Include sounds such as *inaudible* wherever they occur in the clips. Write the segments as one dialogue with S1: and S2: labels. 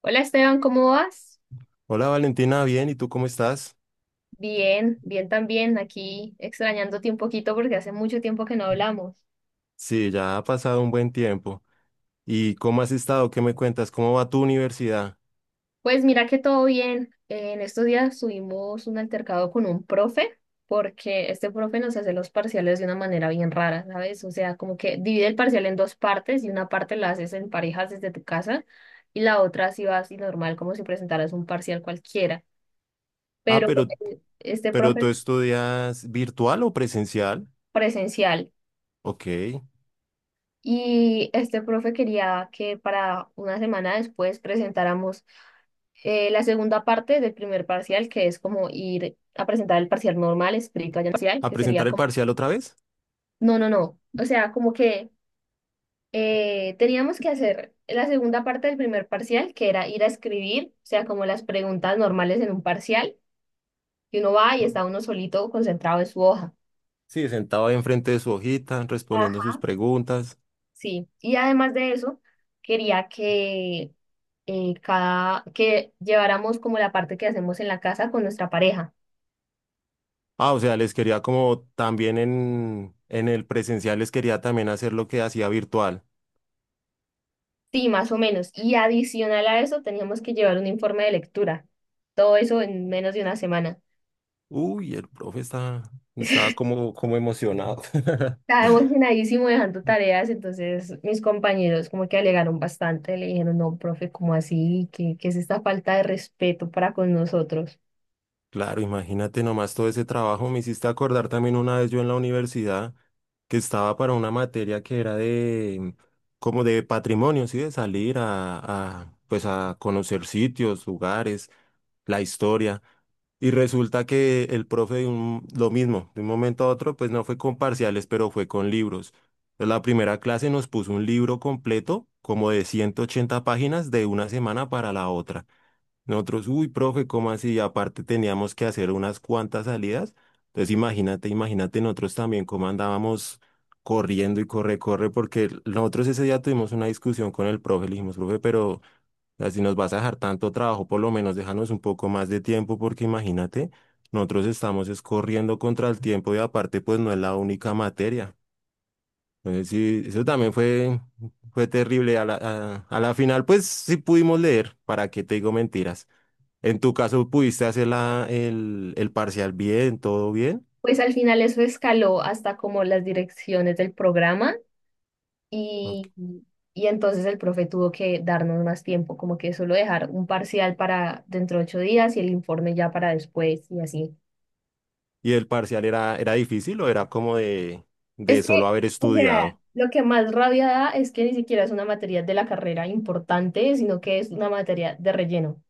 S1: Hola Esteban, ¿cómo vas?
S2: Hola Valentina, bien, ¿y tú cómo estás?
S1: Bien, bien también, aquí extrañándote un poquito porque hace mucho tiempo que no hablamos.
S2: Sí, ya ha pasado un buen tiempo. ¿Y cómo has estado? ¿Qué me cuentas? ¿Cómo va tu universidad?
S1: Pues mira que todo bien. En estos días tuvimos un altercado con un profe porque este profe nos hace los parciales de una manera bien rara, ¿sabes? O sea, como que divide el parcial en dos partes y una parte la haces en parejas desde tu casa y la otra así vas y normal como si presentaras un parcial cualquiera.
S2: Ah,
S1: Pero
S2: pero,
S1: este
S2: pero ¿tú
S1: profe
S2: estudias virtual o presencial?
S1: presencial.
S2: Ok.
S1: Y este profe quería que para una semana después presentáramos la segunda parte del primer parcial, que es como ir a presentar el parcial normal, escrito allá en parcial,
S2: ¿A
S1: que
S2: presentar
S1: sería
S2: el
S1: como,
S2: parcial otra vez?
S1: no, no, no, o sea, como que teníamos que hacer la segunda parte del primer parcial, que era ir a escribir, o sea, como las preguntas normales en un parcial, y uno va y
S2: Ah,
S1: está uno solito concentrado en su hoja.
S2: sí, sentado ahí enfrente de su hojita, respondiendo sus
S1: Ajá.
S2: preguntas.
S1: Sí, y además de eso, quería que cada, que lleváramos como la parte que hacemos en la casa con nuestra pareja.
S2: Ah, o sea, les quería como también en el presencial les quería también hacer lo que hacía virtual.
S1: Sí, más o menos. Y adicional a eso, teníamos que llevar un informe de lectura. Todo eso en menos de una semana.
S2: Uy, el profe estaba
S1: *laughs*
S2: como emocionado. *laughs*
S1: Estaba emocionadísimo dejando tareas, entonces mis compañeros como que alegaron bastante, le dijeron, no, profe, ¿cómo así? ¿Qué, qué es esta falta de respeto para con nosotros?
S2: Claro, imagínate nomás todo ese trabajo. Me hiciste acordar también una vez yo en la universidad que estaba para una materia que era de como de patrimonio, sí, de salir a pues a conocer sitios, lugares, la historia. Y resulta que el profe lo mismo, de un momento a otro, pues no fue con parciales, pero fue con libros. Entonces, la primera clase nos puso un libro completo, como de 180 páginas, de una semana para la otra. Nosotros, uy, profe, ¿cómo así? Y aparte teníamos que hacer unas cuantas salidas. Entonces imagínate, imagínate nosotros también cómo andábamos corriendo y corre, corre, porque nosotros ese día tuvimos una discusión con el profe, le dijimos, profe, pero así nos vas a dejar tanto trabajo, por lo menos déjanos un poco más de tiempo, porque imagínate, nosotros estamos es corriendo contra el tiempo y aparte pues no es la única materia. Entonces sí, eso también fue terrible. A la final pues sí pudimos leer, ¿para qué te digo mentiras? En tu caso, ¿pudiste hacer el parcial bien, todo bien?
S1: Pues al final eso escaló hasta como las direcciones del programa,
S2: Ok.
S1: Y, y entonces el profe tuvo que darnos más tiempo, como que solo dejar un parcial para dentro de 8 días y el informe ya para después y así.
S2: ¿Y el parcial era difícil o era como de
S1: Es que,
S2: solo haber
S1: o sea,
S2: estudiado?
S1: lo que más rabia da es que ni siquiera es una materia de la carrera importante, sino que es una materia de relleno.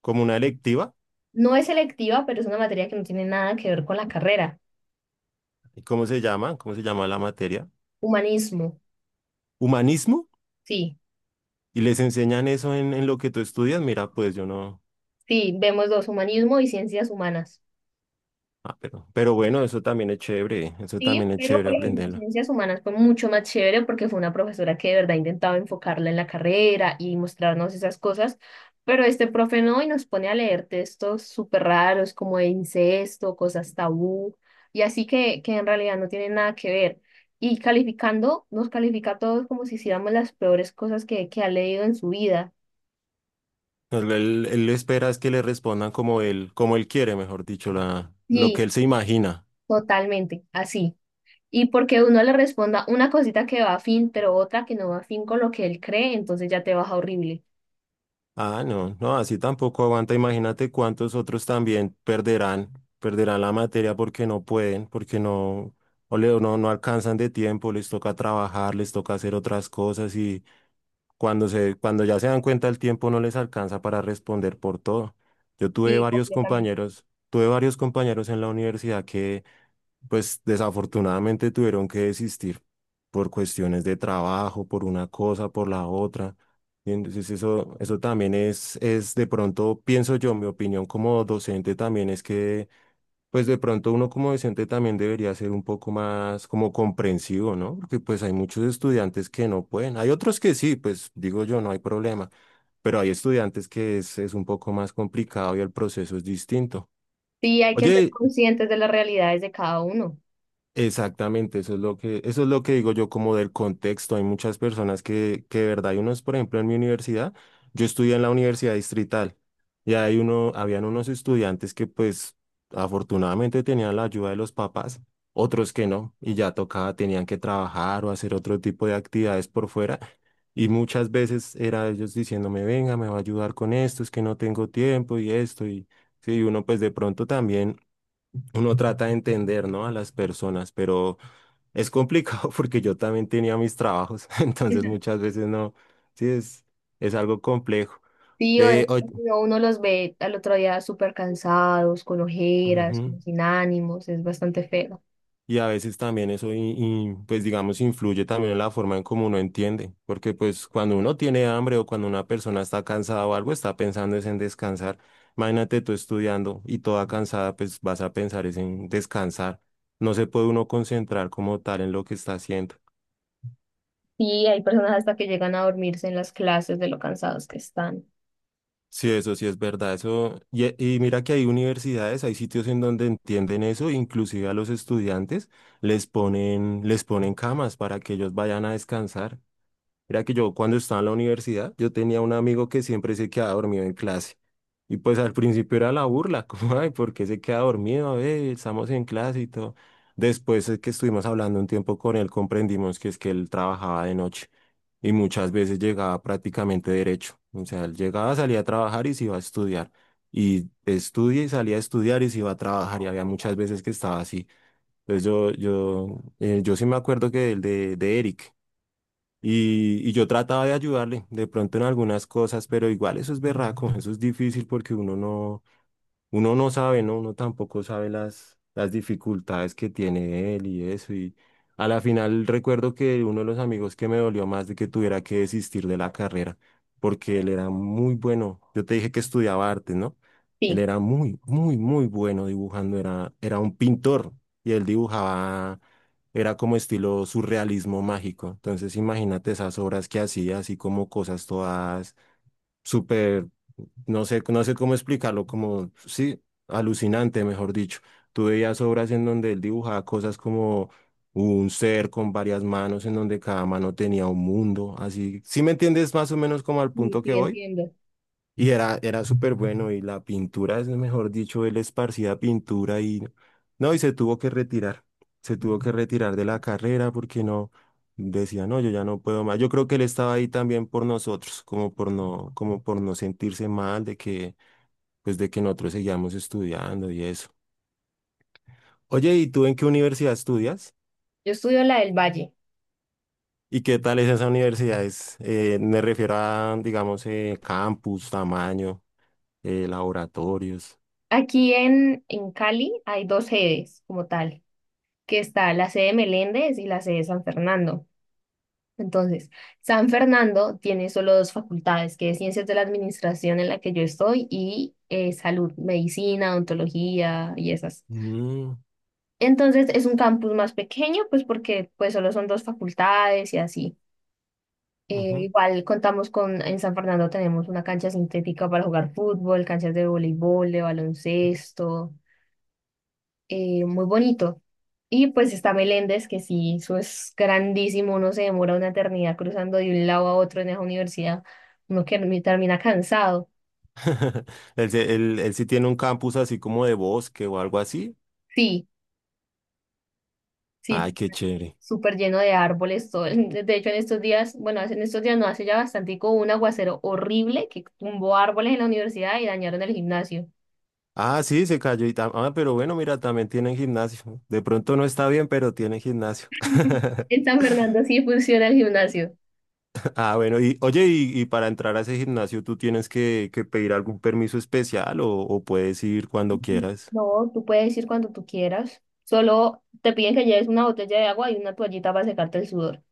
S2: Como una electiva.
S1: No es selectiva, pero es una materia que no tiene nada que ver con la carrera.
S2: Y ¿cómo se llama? ¿Cómo se llama la materia?
S1: Humanismo,
S2: ¿Humanismo?
S1: sí,
S2: ¿Y les enseñan eso en lo que tú estudias? Mira, pues yo no.
S1: sí, vemos dos, humanismo y ciencias humanas.
S2: Ah, pero bueno, eso también es chévere, eso
S1: Sí,
S2: también es
S1: pero
S2: chévere
S1: por ejemplo, en
S2: aprenderlo.
S1: ciencias humanas fue mucho más chévere porque fue una profesora que de verdad intentaba enfocarla en la carrera y mostrarnos esas cosas, pero este profe no y nos pone a leer textos súper raros como de incesto, cosas tabú y así que en realidad no tienen nada que ver. Y calificando, nos califica a todos como si hiciéramos las peores cosas que ha leído en su vida.
S2: Él espera es que le respondan como él quiere, mejor dicho, lo que
S1: Sí,
S2: él se imagina.
S1: totalmente, así. Y porque uno le responda una cosita que va a fin, pero otra que no va a fin con lo que él cree, entonces ya te baja horrible.
S2: Ah, no, no, así tampoco aguanta. Imagínate cuántos otros también perderán la materia porque no pueden, porque no, no, no alcanzan de tiempo, les toca trabajar, les toca hacer otras cosas y cuando ya se dan cuenta el tiempo no les alcanza para responder por todo. Yo tuve
S1: Sí,
S2: varios
S1: completamente.
S2: compañeros, tuve varios compañeros en la universidad pues desafortunadamente tuvieron que desistir por cuestiones de trabajo, por una cosa, por la otra. Y entonces eso también es de pronto, pienso yo, mi opinión como docente también es que, pues de pronto uno como docente también debería ser un poco más como comprensivo, ¿no? Porque pues hay muchos estudiantes que no pueden. Hay otros que sí, pues digo yo, no hay problema. Pero hay estudiantes que es un poco más complicado y el proceso es distinto.
S1: Sí, hay que ser
S2: Oye,
S1: conscientes de las realidades de cada uno.
S2: exactamente, eso es lo que digo yo como del contexto. Hay muchas personas que de verdad, hay unos, por ejemplo, en mi universidad, yo estudié en la Universidad Distrital y habían unos estudiantes que pues afortunadamente tenían la ayuda de los papás, otros que no, y ya tocaba, tenían que trabajar o hacer otro tipo de actividades por fuera. Y muchas veces era ellos diciéndome, venga, me va a ayudar con esto, es que no tengo tiempo y esto, y sí, uno pues de pronto también uno trata de entender, ¿no? A las personas, pero es complicado *laughs* porque yo también tenía mis trabajos, *laughs* entonces
S1: *laughs*
S2: muchas veces no, sí, es algo complejo.
S1: Sí, o es
S2: Eh, oy-
S1: que si no, uno los ve al otro día súper cansados, con ojeras,
S2: Ujú.
S1: como sin ánimos, es bastante feo.
S2: Y a veces también eso, y, pues digamos, influye también en la forma en cómo uno entiende, porque pues cuando uno tiene hambre o cuando una persona está cansada o algo, está pensando es en descansar. Imagínate tú estudiando y toda cansada, pues vas a pensar es en descansar. No se puede uno concentrar como tal en lo que está haciendo.
S1: Sí, hay personas hasta que llegan a dormirse en las clases de lo cansados que están.
S2: Sí, eso sí es verdad, eso, y mira que hay universidades, hay sitios en donde entienden eso, inclusive a los estudiantes les ponen camas para que ellos vayan a descansar. Mira que yo cuando estaba en la universidad, yo tenía un amigo que siempre se quedaba dormido en clase. Y pues al principio era la burla, *laughs* como, ay, ¿por qué se queda dormido? A ver, estamos en clase y todo. Después es que estuvimos hablando un tiempo con él, comprendimos que es que él trabajaba de noche y muchas veces llegaba prácticamente derecho. O sea, él llegaba, salía a trabajar y se iba a estudiar. Y estudia y salía a estudiar y se iba a trabajar y había muchas veces que estaba así. Entonces yo sí me acuerdo que el de Eric. Y yo trataba de ayudarle de pronto en algunas cosas, pero igual eso es berraco, eso es difícil porque uno no sabe, ¿no? Uno tampoco sabe las dificultades que tiene él y eso. Y a la final recuerdo que uno de los amigos que me dolió más de que tuviera que desistir de la carrera, porque él era muy bueno. Yo te dije que estudiaba arte, ¿no? Él
S1: Sí,
S2: era muy, muy, muy bueno dibujando, era un pintor y él dibujaba, era como estilo surrealismo mágico. Entonces imagínate esas obras que hacía, así como cosas todas súper, no sé cómo explicarlo, como, sí, alucinante, mejor dicho. Tú veías obras en donde él dibujaba cosas como un ser con varias manos, en donde cada mano tenía un mundo, así. ¿Sí me entiendes más o menos como al
S1: sí,
S2: punto que
S1: sí,
S2: voy?
S1: entiendo.
S2: Y era súper bueno y la pintura, es mejor dicho, él esparcía pintura y no, y se tuvo que retirar de la carrera porque no, decía, no, yo ya no puedo más. Yo creo que él estaba ahí también por nosotros, como por no sentirse mal de que, pues de que nosotros seguíamos estudiando y eso. Oye, ¿y tú en qué universidad estudias?
S1: Yo estudio la del Valle.
S2: ¿Y qué tal es esa universidad? Me refiero a, digamos, campus, tamaño, laboratorios.
S1: Aquí en Cali hay dos sedes como tal, que está la sede Meléndez y la sede San Fernando. Entonces, San Fernando tiene solo dos facultades, que es Ciencias de la Administración en la que yo estoy y Salud, Medicina, Odontología y esas.
S2: Mm,
S1: Entonces, es un campus más pequeño, pues porque pues solo son dos facultades y así.
S2: ujú.
S1: Igual contamos con, en San Fernando tenemos una cancha sintética para jugar fútbol, canchas de voleibol, de baloncesto. Muy bonito. Y pues está Meléndez, que sí, eso es grandísimo, uno se demora una eternidad cruzando de un lado a otro en esa universidad, uno que me termina cansado.
S2: *laughs* Él sí tiene un campus así como de bosque o algo así.
S1: Sí, sí,
S2: Ay, qué chévere.
S1: súper lleno de árboles, todo. El- De hecho, en estos días, bueno, hace- en estos días no, hace ya bastante, hubo un aguacero horrible que tumbó árboles en la universidad y dañaron el gimnasio.
S2: Ah, sí, se cayó y Ah, pero bueno, mira, también tienen gimnasio. De pronto no está bien, pero tienen gimnasio.
S1: *laughs*
S2: *laughs*
S1: En San Fernando sí funciona el gimnasio.
S2: Ah, bueno, y oye, y para entrar a ese gimnasio, ¿tú tienes que pedir algún permiso especial o puedes ir cuando
S1: Ujú.
S2: quieras?
S1: No, tú puedes ir cuando tú quieras. Solo te piden que lleves una botella de agua y una toallita para secarte el sudor.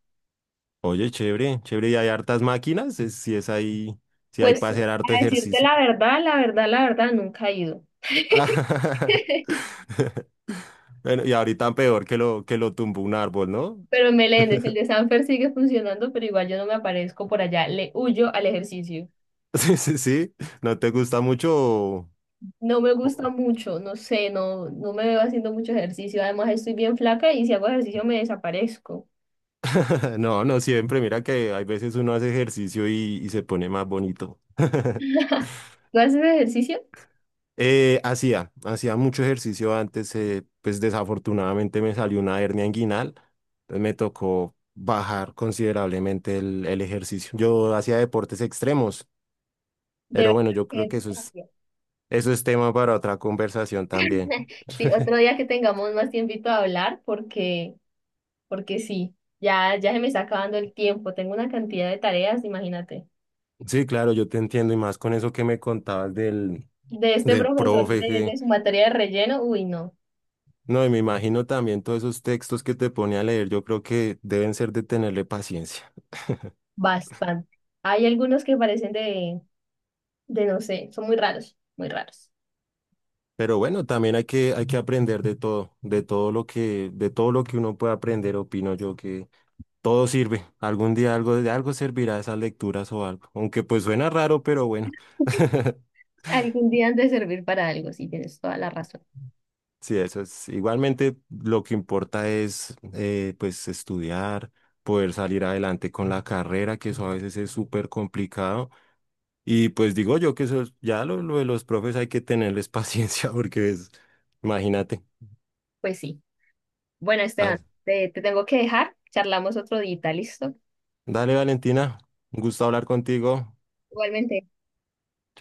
S2: Oye, chévere, chévere, y hay hartas máquinas, si es ahí, si hay
S1: Pues
S2: para hacer harto
S1: a decirte
S2: ejercicio.
S1: la verdad, la verdad, la verdad, nunca he ido. *laughs*
S2: *laughs* Bueno, y ahorita peor que que lo tumbó un árbol, ¿no?
S1: Pero en Meléndez, el de Sanfer sigue funcionando, pero igual yo no me aparezco por allá, le huyo al ejercicio.
S2: *laughs* Sí, sí, sí. ¿No te gusta mucho?
S1: No me gusta
S2: o-
S1: mucho, no sé, no, no me veo haciendo mucho ejercicio. Además, estoy bien flaca y si hago ejercicio me desaparezco.
S2: *laughs* No, no siempre. Mira que hay veces uno hace ejercicio y se pone más bonito. *laughs*
S1: ¿Tú haces ejercicio?
S2: Hacía mucho ejercicio antes, pues desafortunadamente me salió una hernia inguinal, entonces me tocó bajar considerablemente el ejercicio. Yo hacía deportes extremos,
S1: De
S2: pero
S1: verdad
S2: bueno, yo creo
S1: que
S2: que eso
S1: te
S2: es,
S1: cambia.
S2: eso es tema para otra conversación también.
S1: *laughs* Sí, otro día que tengamos más tiempito a hablar, porque, porque sí, ya, ya se me está acabando el tiempo. Tengo una cantidad de tareas, imagínate.
S2: Sí, claro, yo te entiendo y más con eso que me contabas del,
S1: De este
S2: del
S1: profesor,
S2: profe.
S1: de su materia de relleno, uy, no,
S2: No, y me imagino también todos esos textos que te pone a leer, yo creo que deben ser de tenerle paciencia.
S1: bastante. Hay algunos que parecen de, no sé, son muy raros, muy raros.
S2: Pero bueno, también hay que aprender de todo, de todo lo que uno puede aprender, opino yo que todo sirve. Algún día de algo servirá esas lecturas o algo. Aunque pues suena raro, pero bueno. *laughs*
S1: Algún día han de servir para algo, sí, tienes toda la razón.
S2: Sí, eso es. Igualmente lo que importa es, pues estudiar, poder salir adelante con la carrera, que eso a veces es súper complicado. Y pues digo yo que ya lo de los profes hay que tenerles paciencia *laughs* porque imagínate.
S1: Pues sí. Bueno,
S2: Ah,
S1: Esteban, te tengo que dejar, charlamos otro día, ¿listo?
S2: dale, Valentina, un gusto hablar contigo.
S1: Igualmente.